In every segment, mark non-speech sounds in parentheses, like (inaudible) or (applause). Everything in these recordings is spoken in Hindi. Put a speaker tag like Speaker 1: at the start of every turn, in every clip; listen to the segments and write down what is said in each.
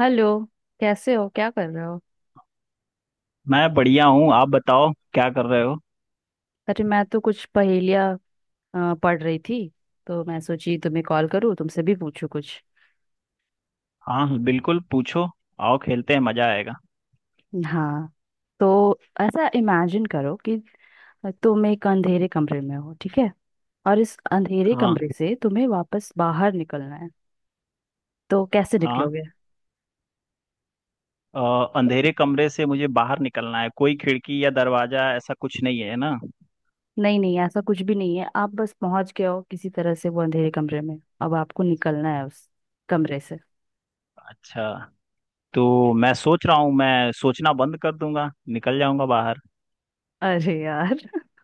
Speaker 1: हेलो। कैसे हो? क्या कर रहे हो?
Speaker 2: मैं बढ़िया हूँ। आप बताओ, क्या कर रहे हो?
Speaker 1: अरे मैं तो कुछ पहेलियाँ पढ़ रही थी। तो मैं सोची तुम्हें कॉल करूँ, तुमसे भी पूछूं कुछ।
Speaker 2: हाँ, बिल्कुल पूछो। आओ, खेलते हैं, मजा आएगा।
Speaker 1: हाँ। तो ऐसा इमेजिन करो कि तुम एक अंधेरे कमरे में हो, ठीक है। और इस अंधेरे
Speaker 2: हाँ।
Speaker 1: कमरे से तुम्हें वापस बाहर निकलना है, तो कैसे
Speaker 2: हाँ।
Speaker 1: निकलोगे?
Speaker 2: अंधेरे कमरे से मुझे बाहर निकलना है, कोई खिड़की या दरवाजा ऐसा कुछ नहीं है ना?
Speaker 1: नहीं नहीं, ऐसा कुछ भी नहीं है। आप बस पहुंच गए हो किसी तरह से वो अंधेरे कमरे में। अब आपको निकलना है उस कमरे से।
Speaker 2: अच्छा। तो मैं सोच रहा हूँ, मैं सोचना बंद कर दूंगा, निकल जाऊंगा बाहर।
Speaker 1: अरे यार (laughs)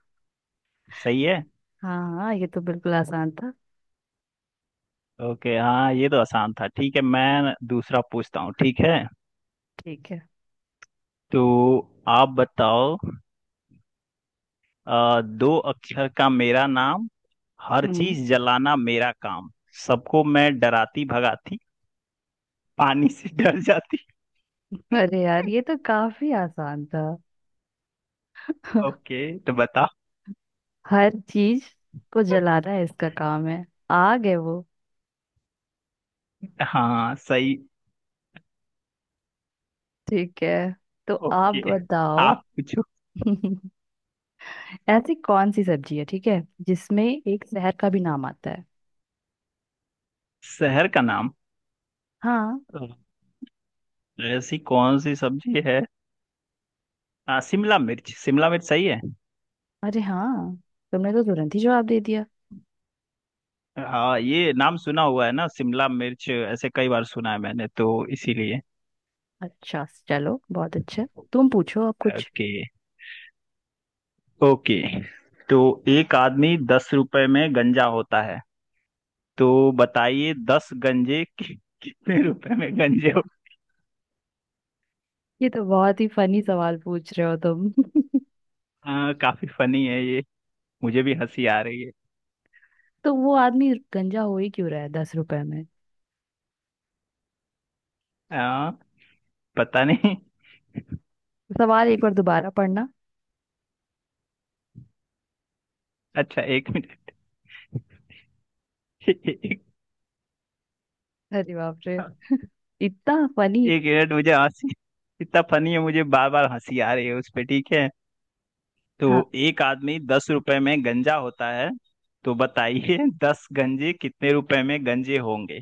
Speaker 2: सही है।
Speaker 1: हाँ हाँ, ये तो बिल्कुल आसान था।
Speaker 2: ओके, हाँ, ये तो आसान था। ठीक है, मैं दूसरा पूछता हूँ, ठीक है?
Speaker 1: ठीक है।
Speaker 2: तो आप बताओ। दो अक्षर का मेरा नाम, हर
Speaker 1: हम्म।
Speaker 2: चीज जलाना मेरा काम, सबको मैं डराती भगाती, पानी से डर जाती।
Speaker 1: अरे यार, ये तो काफी आसान था। (laughs)
Speaker 2: ओके, तो बता।
Speaker 1: हर चीज को जलाना है, इसका काम है। आग है वो।
Speaker 2: हाँ, सही।
Speaker 1: ठीक है, तो आप
Speaker 2: ओके,
Speaker 1: बताओ।
Speaker 2: आप पूछो।
Speaker 1: (laughs) ऐसी कौन सी सब्जी है, ठीक है, जिसमें एक शहर का भी नाम आता है?
Speaker 2: शहर का नाम?
Speaker 1: हाँ।
Speaker 2: ऐसी कौन सी सब्जी है? हाँ, शिमला मिर्च, शिमला मिर्च सही है।
Speaker 1: अरे हाँ, तुमने तो तुरंत ही जवाब दे दिया।
Speaker 2: हाँ, ये नाम सुना हुआ है ना, शिमला मिर्च ऐसे कई बार सुना है मैंने तो, इसीलिए।
Speaker 1: अच्छा, चलो बहुत अच्छा। तुम पूछो अब कुछ।
Speaker 2: ओके। ओके। तो एक आदमी 10 रुपए में गंजा होता है, तो बताइए, 10 गंजे कितने रुपए में गंजे?
Speaker 1: ये तो बहुत ही फनी सवाल पूछ रहे हो तुम।
Speaker 2: हाँ, काफी फनी है ये, मुझे भी हंसी आ रही है।
Speaker 1: (laughs) तो वो आदमी गंजा हो ही क्यों रहा है 10 रुपए में?
Speaker 2: हाँ, पता नहीं।
Speaker 1: सवाल एक बार दोबारा पढ़ना।
Speaker 2: अच्छा, एक मिनट। एक।
Speaker 1: अरे बाप रे, इतना फनी।
Speaker 2: एक मिनट, मुझे हंसी, इतना फनी है, मुझे बार बार हंसी आ रही है उस पे, ठीक है? तो
Speaker 1: हाँ।
Speaker 2: एक आदमी दस रुपए में गंजा होता है, तो बताइए दस गंजे कितने रुपए में गंजे होंगे?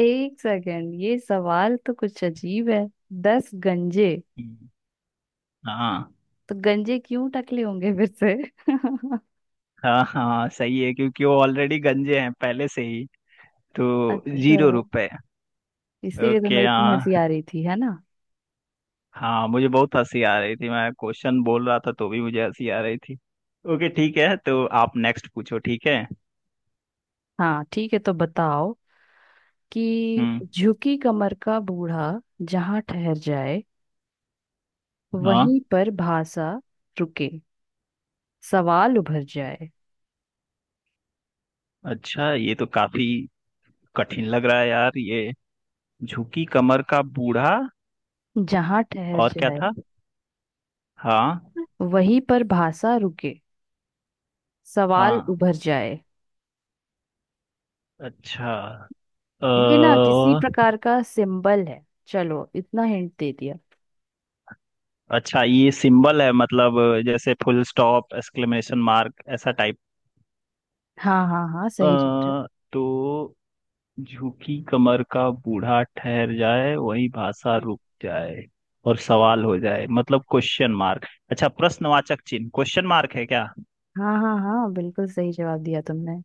Speaker 1: एक सेकेंड, ये सवाल तो कुछ अजीब है। दस गंजे।
Speaker 2: हाँ,
Speaker 1: तो गंजे क्यों टकले होंगे फिर से? (laughs)
Speaker 2: हाँ, हाँ, सही है क्योंकि वो ऑलरेडी गंजे हैं पहले से ही, तो
Speaker 1: अच्छा।
Speaker 2: 0 रुपए।
Speaker 1: इसीलिए तो मैं
Speaker 2: ओके,
Speaker 1: इतनी
Speaker 2: हाँ।
Speaker 1: हंसी आ रही थी, है ना।
Speaker 2: हाँ, मुझे बहुत हंसी आ रही थी, मैं क्वेश्चन बोल रहा था तो भी मुझे हंसी आ रही थी। ओके, ठीक है, तो आप नेक्स्ट पूछो, ठीक है?
Speaker 1: हाँ ठीक है, तो बताओ कि
Speaker 2: हम्म।
Speaker 1: झुकी कमर का बूढ़ा जहाँ ठहर जाए,
Speaker 2: हाँ,
Speaker 1: वहीं पर भाषा रुके, सवाल उभर जाए।
Speaker 2: अच्छा, ये तो काफी कठिन लग रहा है यार ये। झुकी कमर का बूढ़ा,
Speaker 1: जहाँ ठहर
Speaker 2: और क्या
Speaker 1: जाए,
Speaker 2: था? हाँ।
Speaker 1: वहीं पर भाषा रुके, सवाल
Speaker 2: हाँ,
Speaker 1: उभर जाए।
Speaker 2: अच्छा। अ,
Speaker 1: ये ना किसी प्रकार का सिंबल है, चलो इतना हिंट दे दिया।
Speaker 2: अच्छा, ये सिंबल है मतलब, जैसे फुल स्टॉप, एक्सक्लेमेशन मार्क, ऐसा टाइप?
Speaker 1: हाँ हाँ हाँ, सही जवाब।
Speaker 2: तो झुकी कमर का बूढ़ा ठहर जाए, वही भाषा रुक जाए, और सवाल हो जाए, मतलब क्वेश्चन मार्क। अच्छा, प्रश्नवाचक चिन्ह क्वेश्चन मार्क है क्या?
Speaker 1: हाँ हाँ हाँ, बिल्कुल सही जवाब दिया तुमने।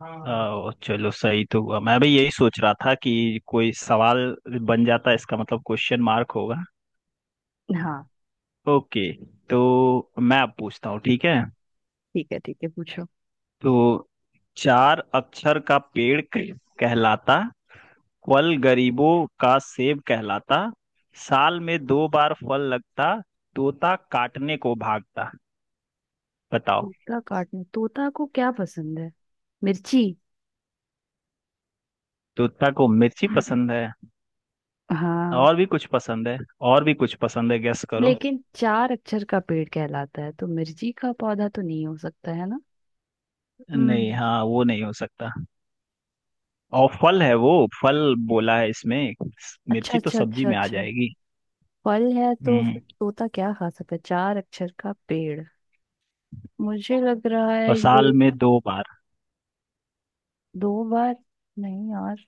Speaker 1: हाँ।
Speaker 2: ओ, चलो, सही तो हुआ, मैं भी यही सोच रहा था कि कोई सवाल बन जाता है, इसका मतलब क्वेश्चन मार्क होगा।
Speaker 1: हाँ
Speaker 2: ओके, तो मैं अब पूछता हूँ, ठीक है?
Speaker 1: ठीक है। ठीक है, पूछो।
Speaker 2: तो चार अक्षर का पेड़ कहलाता, फल गरीबों का सेब कहलाता, साल में 2 बार फल लगता, तोता काटने को भागता। बताओ।
Speaker 1: तोता काटने, तोता को क्या पसंद है? मिर्ची।
Speaker 2: तोता को मिर्ची पसंद है?
Speaker 1: हाँ।
Speaker 2: और भी कुछ पसंद है। और भी कुछ पसंद है, गेस करो।
Speaker 1: लेकिन चार अक्षर का पेड़ कहलाता है, तो मिर्ची का पौधा तो नहीं हो सकता है ना।
Speaker 2: नहीं,
Speaker 1: हम्म।
Speaker 2: हाँ, वो नहीं हो सकता। और फल है वो, फल बोला है इसमें।
Speaker 1: अच्छा
Speaker 2: मिर्ची तो
Speaker 1: अच्छा
Speaker 2: सब्जी
Speaker 1: अच्छा
Speaker 2: में आ
Speaker 1: अच्छा।
Speaker 2: जाएगी।
Speaker 1: फल है, तो फिर
Speaker 2: हम्म।
Speaker 1: तोता क्या खा सकता है? चार अक्षर का पेड़। मुझे लग रहा है
Speaker 2: और साल
Speaker 1: ये।
Speaker 2: में 2 बार।
Speaker 1: दो बार। नहीं यार।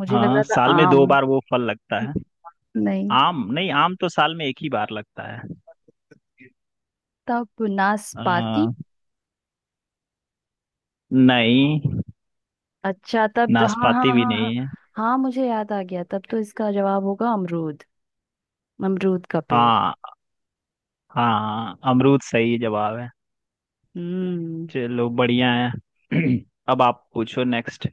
Speaker 1: मुझे लग रहा
Speaker 2: हाँ,
Speaker 1: था
Speaker 2: साल में दो
Speaker 1: आम।
Speaker 2: बार वो फल लगता है।
Speaker 1: नहीं,
Speaker 2: आम नहीं, आम तो साल में एक ही बार लगता है।
Speaker 1: तब नाशपाती।
Speaker 2: आ, नहीं।
Speaker 1: अच्छा तब, हाँ हाँ
Speaker 2: नाशपाती भी
Speaker 1: हाँ हाँ।
Speaker 2: नहीं है।
Speaker 1: हाँ, मुझे याद आ गया, तब तो इसका जवाब होगा अमरूद। अमरूद का पेड़।
Speaker 2: हाँ। हाँ, अमरूद सही जवाब है।
Speaker 1: हम्म।
Speaker 2: चलो, बढ़िया है। (clears throat) अब आप पूछो नेक्स्ट।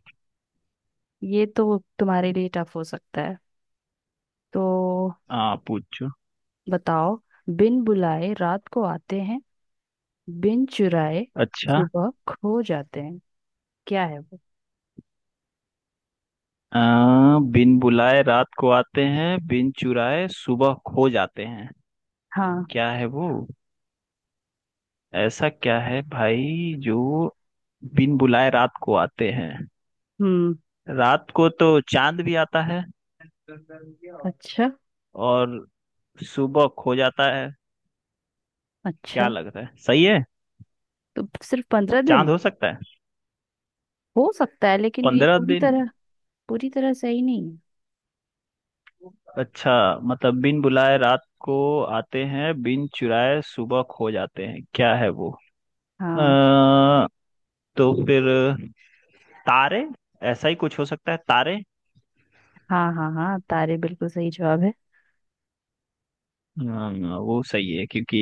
Speaker 1: ये तो तुम्हारे लिए टफ हो सकता है, तो
Speaker 2: हाँ, पूछो।
Speaker 1: बताओ। बिन बुलाए रात को आते हैं, बिन चुराए
Speaker 2: अच्छा।
Speaker 1: सुबह खो जाते हैं। क्या है वो?
Speaker 2: आ, बिन बुलाए रात को आते हैं, बिन चुराए सुबह खो जाते हैं,
Speaker 1: हाँ।
Speaker 2: क्या है वो? ऐसा क्या है भाई जो बिन बुलाए रात को आते हैं?
Speaker 1: हम्म।
Speaker 2: रात को तो चांद भी आता है
Speaker 1: अच्छा।
Speaker 2: और सुबह खो जाता है, क्या
Speaker 1: अच्छा।
Speaker 2: लगता है, सही है?
Speaker 1: तो सिर्फ 15 दिन।
Speaker 2: चांद हो सकता है।
Speaker 1: हो सकता है, लेकिन ये
Speaker 2: पंद्रह
Speaker 1: पूरी
Speaker 2: दिन
Speaker 1: तरह पूरी तरह सही नहीं है।
Speaker 2: अच्छा, मतलब बिन बुलाए रात को आते हैं, बिन चुराए सुबह खो जाते हैं, क्या है वो?
Speaker 1: हाँ
Speaker 2: अ, तो फिर तारे, ऐसा ही कुछ हो सकता है, तारे।
Speaker 1: हाँ हाँ हाँ, तारे बिल्कुल सही जवाब है।
Speaker 2: हाँ, वो सही है क्योंकि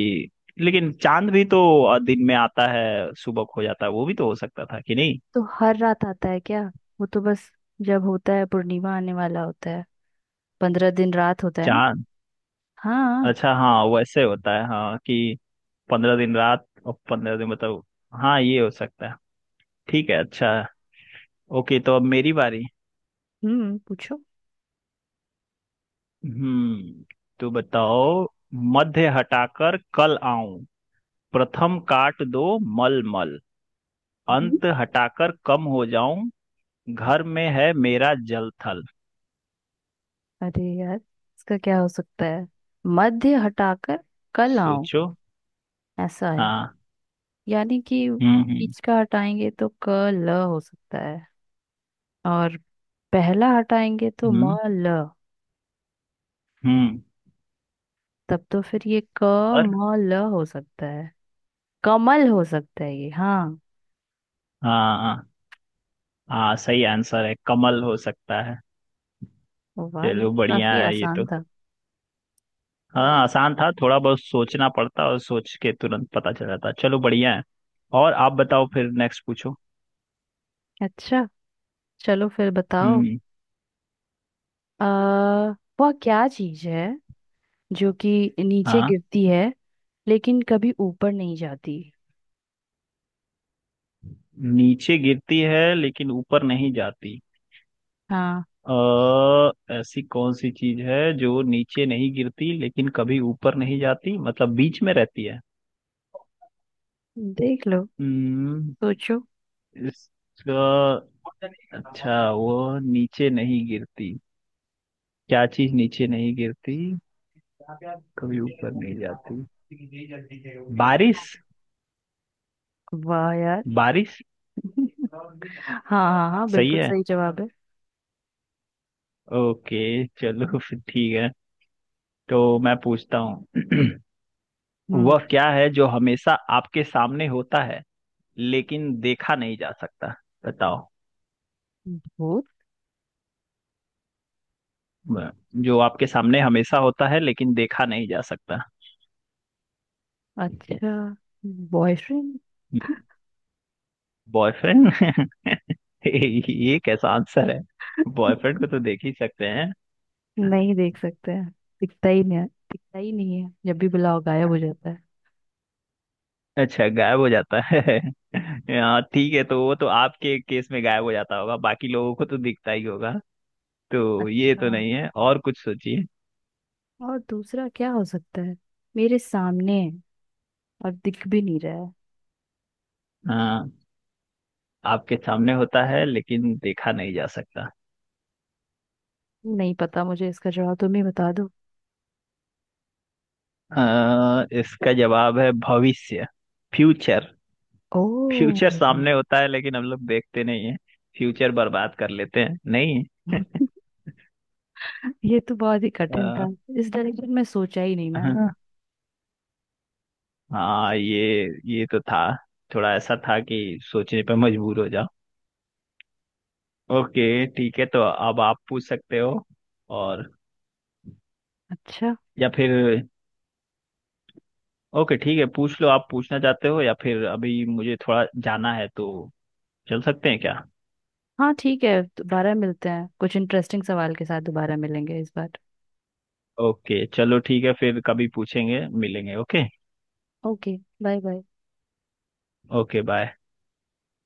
Speaker 2: लेकिन चांद भी तो दिन में आता है, सुबह खो जाता है, वो भी तो हो सकता था कि नहीं?
Speaker 1: तो हर रात आता है क्या? वो तो बस जब होता है पूर्णिमा आने वाला होता है, 15 दिन रात होता है ना।
Speaker 2: चांद।
Speaker 1: हाँ।
Speaker 2: अच्छा, हाँ, वैसे होता है, हाँ, कि 15 दिन रात और 15 दिन मतलब, हाँ, ये हो सकता है। ठीक है, अच्छा, ओके, तो अब मेरी बारी।
Speaker 1: हम्म, पूछो।
Speaker 2: हम्म, तो बताओ, मध्य हटाकर कल आऊं, प्रथम काट दो मल मल,
Speaker 1: हम्म।
Speaker 2: अंत हटाकर कम हो जाऊं, घर में है मेरा जल थल।
Speaker 1: अरे यार, इसका क्या हो सकता है? मध्य हटाकर कल आओ।
Speaker 2: सोचो।
Speaker 1: ऐसा है।
Speaker 2: हाँ।
Speaker 1: यानी कि
Speaker 2: हम्म, हम्म।
Speaker 1: बीच का हटाएंगे तो क ल हो सकता है। और पहला हटाएंगे तो म
Speaker 2: हम्म,
Speaker 1: ल।
Speaker 2: हम्म।
Speaker 1: तब तो फिर ये क
Speaker 2: और।
Speaker 1: म ल हो सकता है। कमल हो सकता है ये, हाँ।
Speaker 2: हाँ, हाँ, हाँ, सही आंसर है, कमल हो सकता है।
Speaker 1: वाह, ये
Speaker 2: चलो,
Speaker 1: तो
Speaker 2: बढ़िया
Speaker 1: काफी
Speaker 2: है ये
Speaker 1: आसान
Speaker 2: तो।
Speaker 1: था।
Speaker 2: हाँ, आसान था, थोड़ा बहुत सोचना पड़ता और सोच के तुरंत पता चल जाता, चलो, बढ़िया है। और आप बताओ, फिर नेक्स्ट पूछो।
Speaker 1: अच्छा, चलो फिर बताओ।
Speaker 2: हम्म।
Speaker 1: आ वह क्या चीज है जो कि नीचे
Speaker 2: हाँ।
Speaker 1: गिरती है लेकिन कभी ऊपर नहीं जाती?
Speaker 2: नीचे गिरती है लेकिन ऊपर नहीं जाती,
Speaker 1: हाँ।
Speaker 2: अ, ऐसी कौन सी चीज है जो नीचे नहीं गिरती लेकिन कभी ऊपर नहीं जाती, मतलब बीच में रहती है?
Speaker 1: देख लो।
Speaker 2: हम्म।
Speaker 1: सोचो।
Speaker 2: इसका अच्छा, वो नीचे नहीं गिरती, क्या चीज नीचे नहीं गिरती, कभी ऊपर नहीं जाती? बारिश।
Speaker 1: वाह यार
Speaker 2: बारिश।
Speaker 1: (laughs) हाँ हाँ हाँ,
Speaker 2: सही
Speaker 1: बिल्कुल
Speaker 2: है।
Speaker 1: सही जवाब है।
Speaker 2: ओके, चलो, (laughs) फिर ठीक है। तो मैं पूछता हूँ। (clears throat)
Speaker 1: हम्म।
Speaker 2: वह क्या है जो हमेशा आपके सामने होता है लेकिन देखा नहीं जा सकता? बताओ।
Speaker 1: भूत।
Speaker 2: ब- जो आपके सामने हमेशा होता है लेकिन देखा नहीं जा सकता।
Speaker 1: अच्छा। बॉयफ्रेंड।
Speaker 2: बॉयफ्रेंड? (laughs) ये कैसा आंसर है? बॉयफ्रेंड को तो देख ही सकते हैं।
Speaker 1: नहीं देख सकते हैं। दिखता ही नहीं है। दिखता ही नहीं है, जब भी बुलाओ गायब हो जाता है।
Speaker 2: अच्छा, गायब हो जाता है। (laughs) हाँ, ठीक है, तो वो तो आपके केस में गायब हो जाता होगा, बाकी लोगों को तो दिखता ही होगा, तो ये
Speaker 1: अच्छा।
Speaker 2: तो नहीं है, और कुछ सोचिए।
Speaker 1: और दूसरा क्या हो सकता है? मेरे सामने है और दिख भी नहीं रहा है।
Speaker 2: हाँ, आपके सामने होता है लेकिन देखा नहीं जा सकता।
Speaker 1: नहीं पता, मुझे इसका जवाब तुम ही बता दो।
Speaker 2: इसका जवाब है भविष्य, फ्यूचर।
Speaker 1: ओ।
Speaker 2: फ्यूचर सामने होता है लेकिन हम लोग देखते नहीं है, फ्यूचर बर्बाद कर लेते हैं, नहीं? (laughs)
Speaker 1: (laughs) ये तो बहुत ही कठिन
Speaker 2: अ,
Speaker 1: था। इस डायरेक्शन में सोचा ही नहीं मैंने।
Speaker 2: हाँ। हाँ, ये तो था, थोड़ा ऐसा था कि सोचने पे मजबूर हो जाओ। ओके, ठीक है, तो अब आप पूछ सकते हो। और,
Speaker 1: अच्छा।
Speaker 2: या फिर, ओके ठीक है, पूछ लो, आप पूछना चाहते हो, या फिर अभी मुझे थोड़ा जाना है, तो चल सकते हैं क्या?
Speaker 1: हाँ ठीक है, दोबारा मिलते हैं, कुछ इंटरेस्टिंग सवाल के साथ दोबारा मिलेंगे इस बार।
Speaker 2: ओके, चलो, ठीक है, फिर कभी पूछेंगे, मिलेंगे। Okay.
Speaker 1: Okay. Bye bye.
Speaker 2: Okay, bye.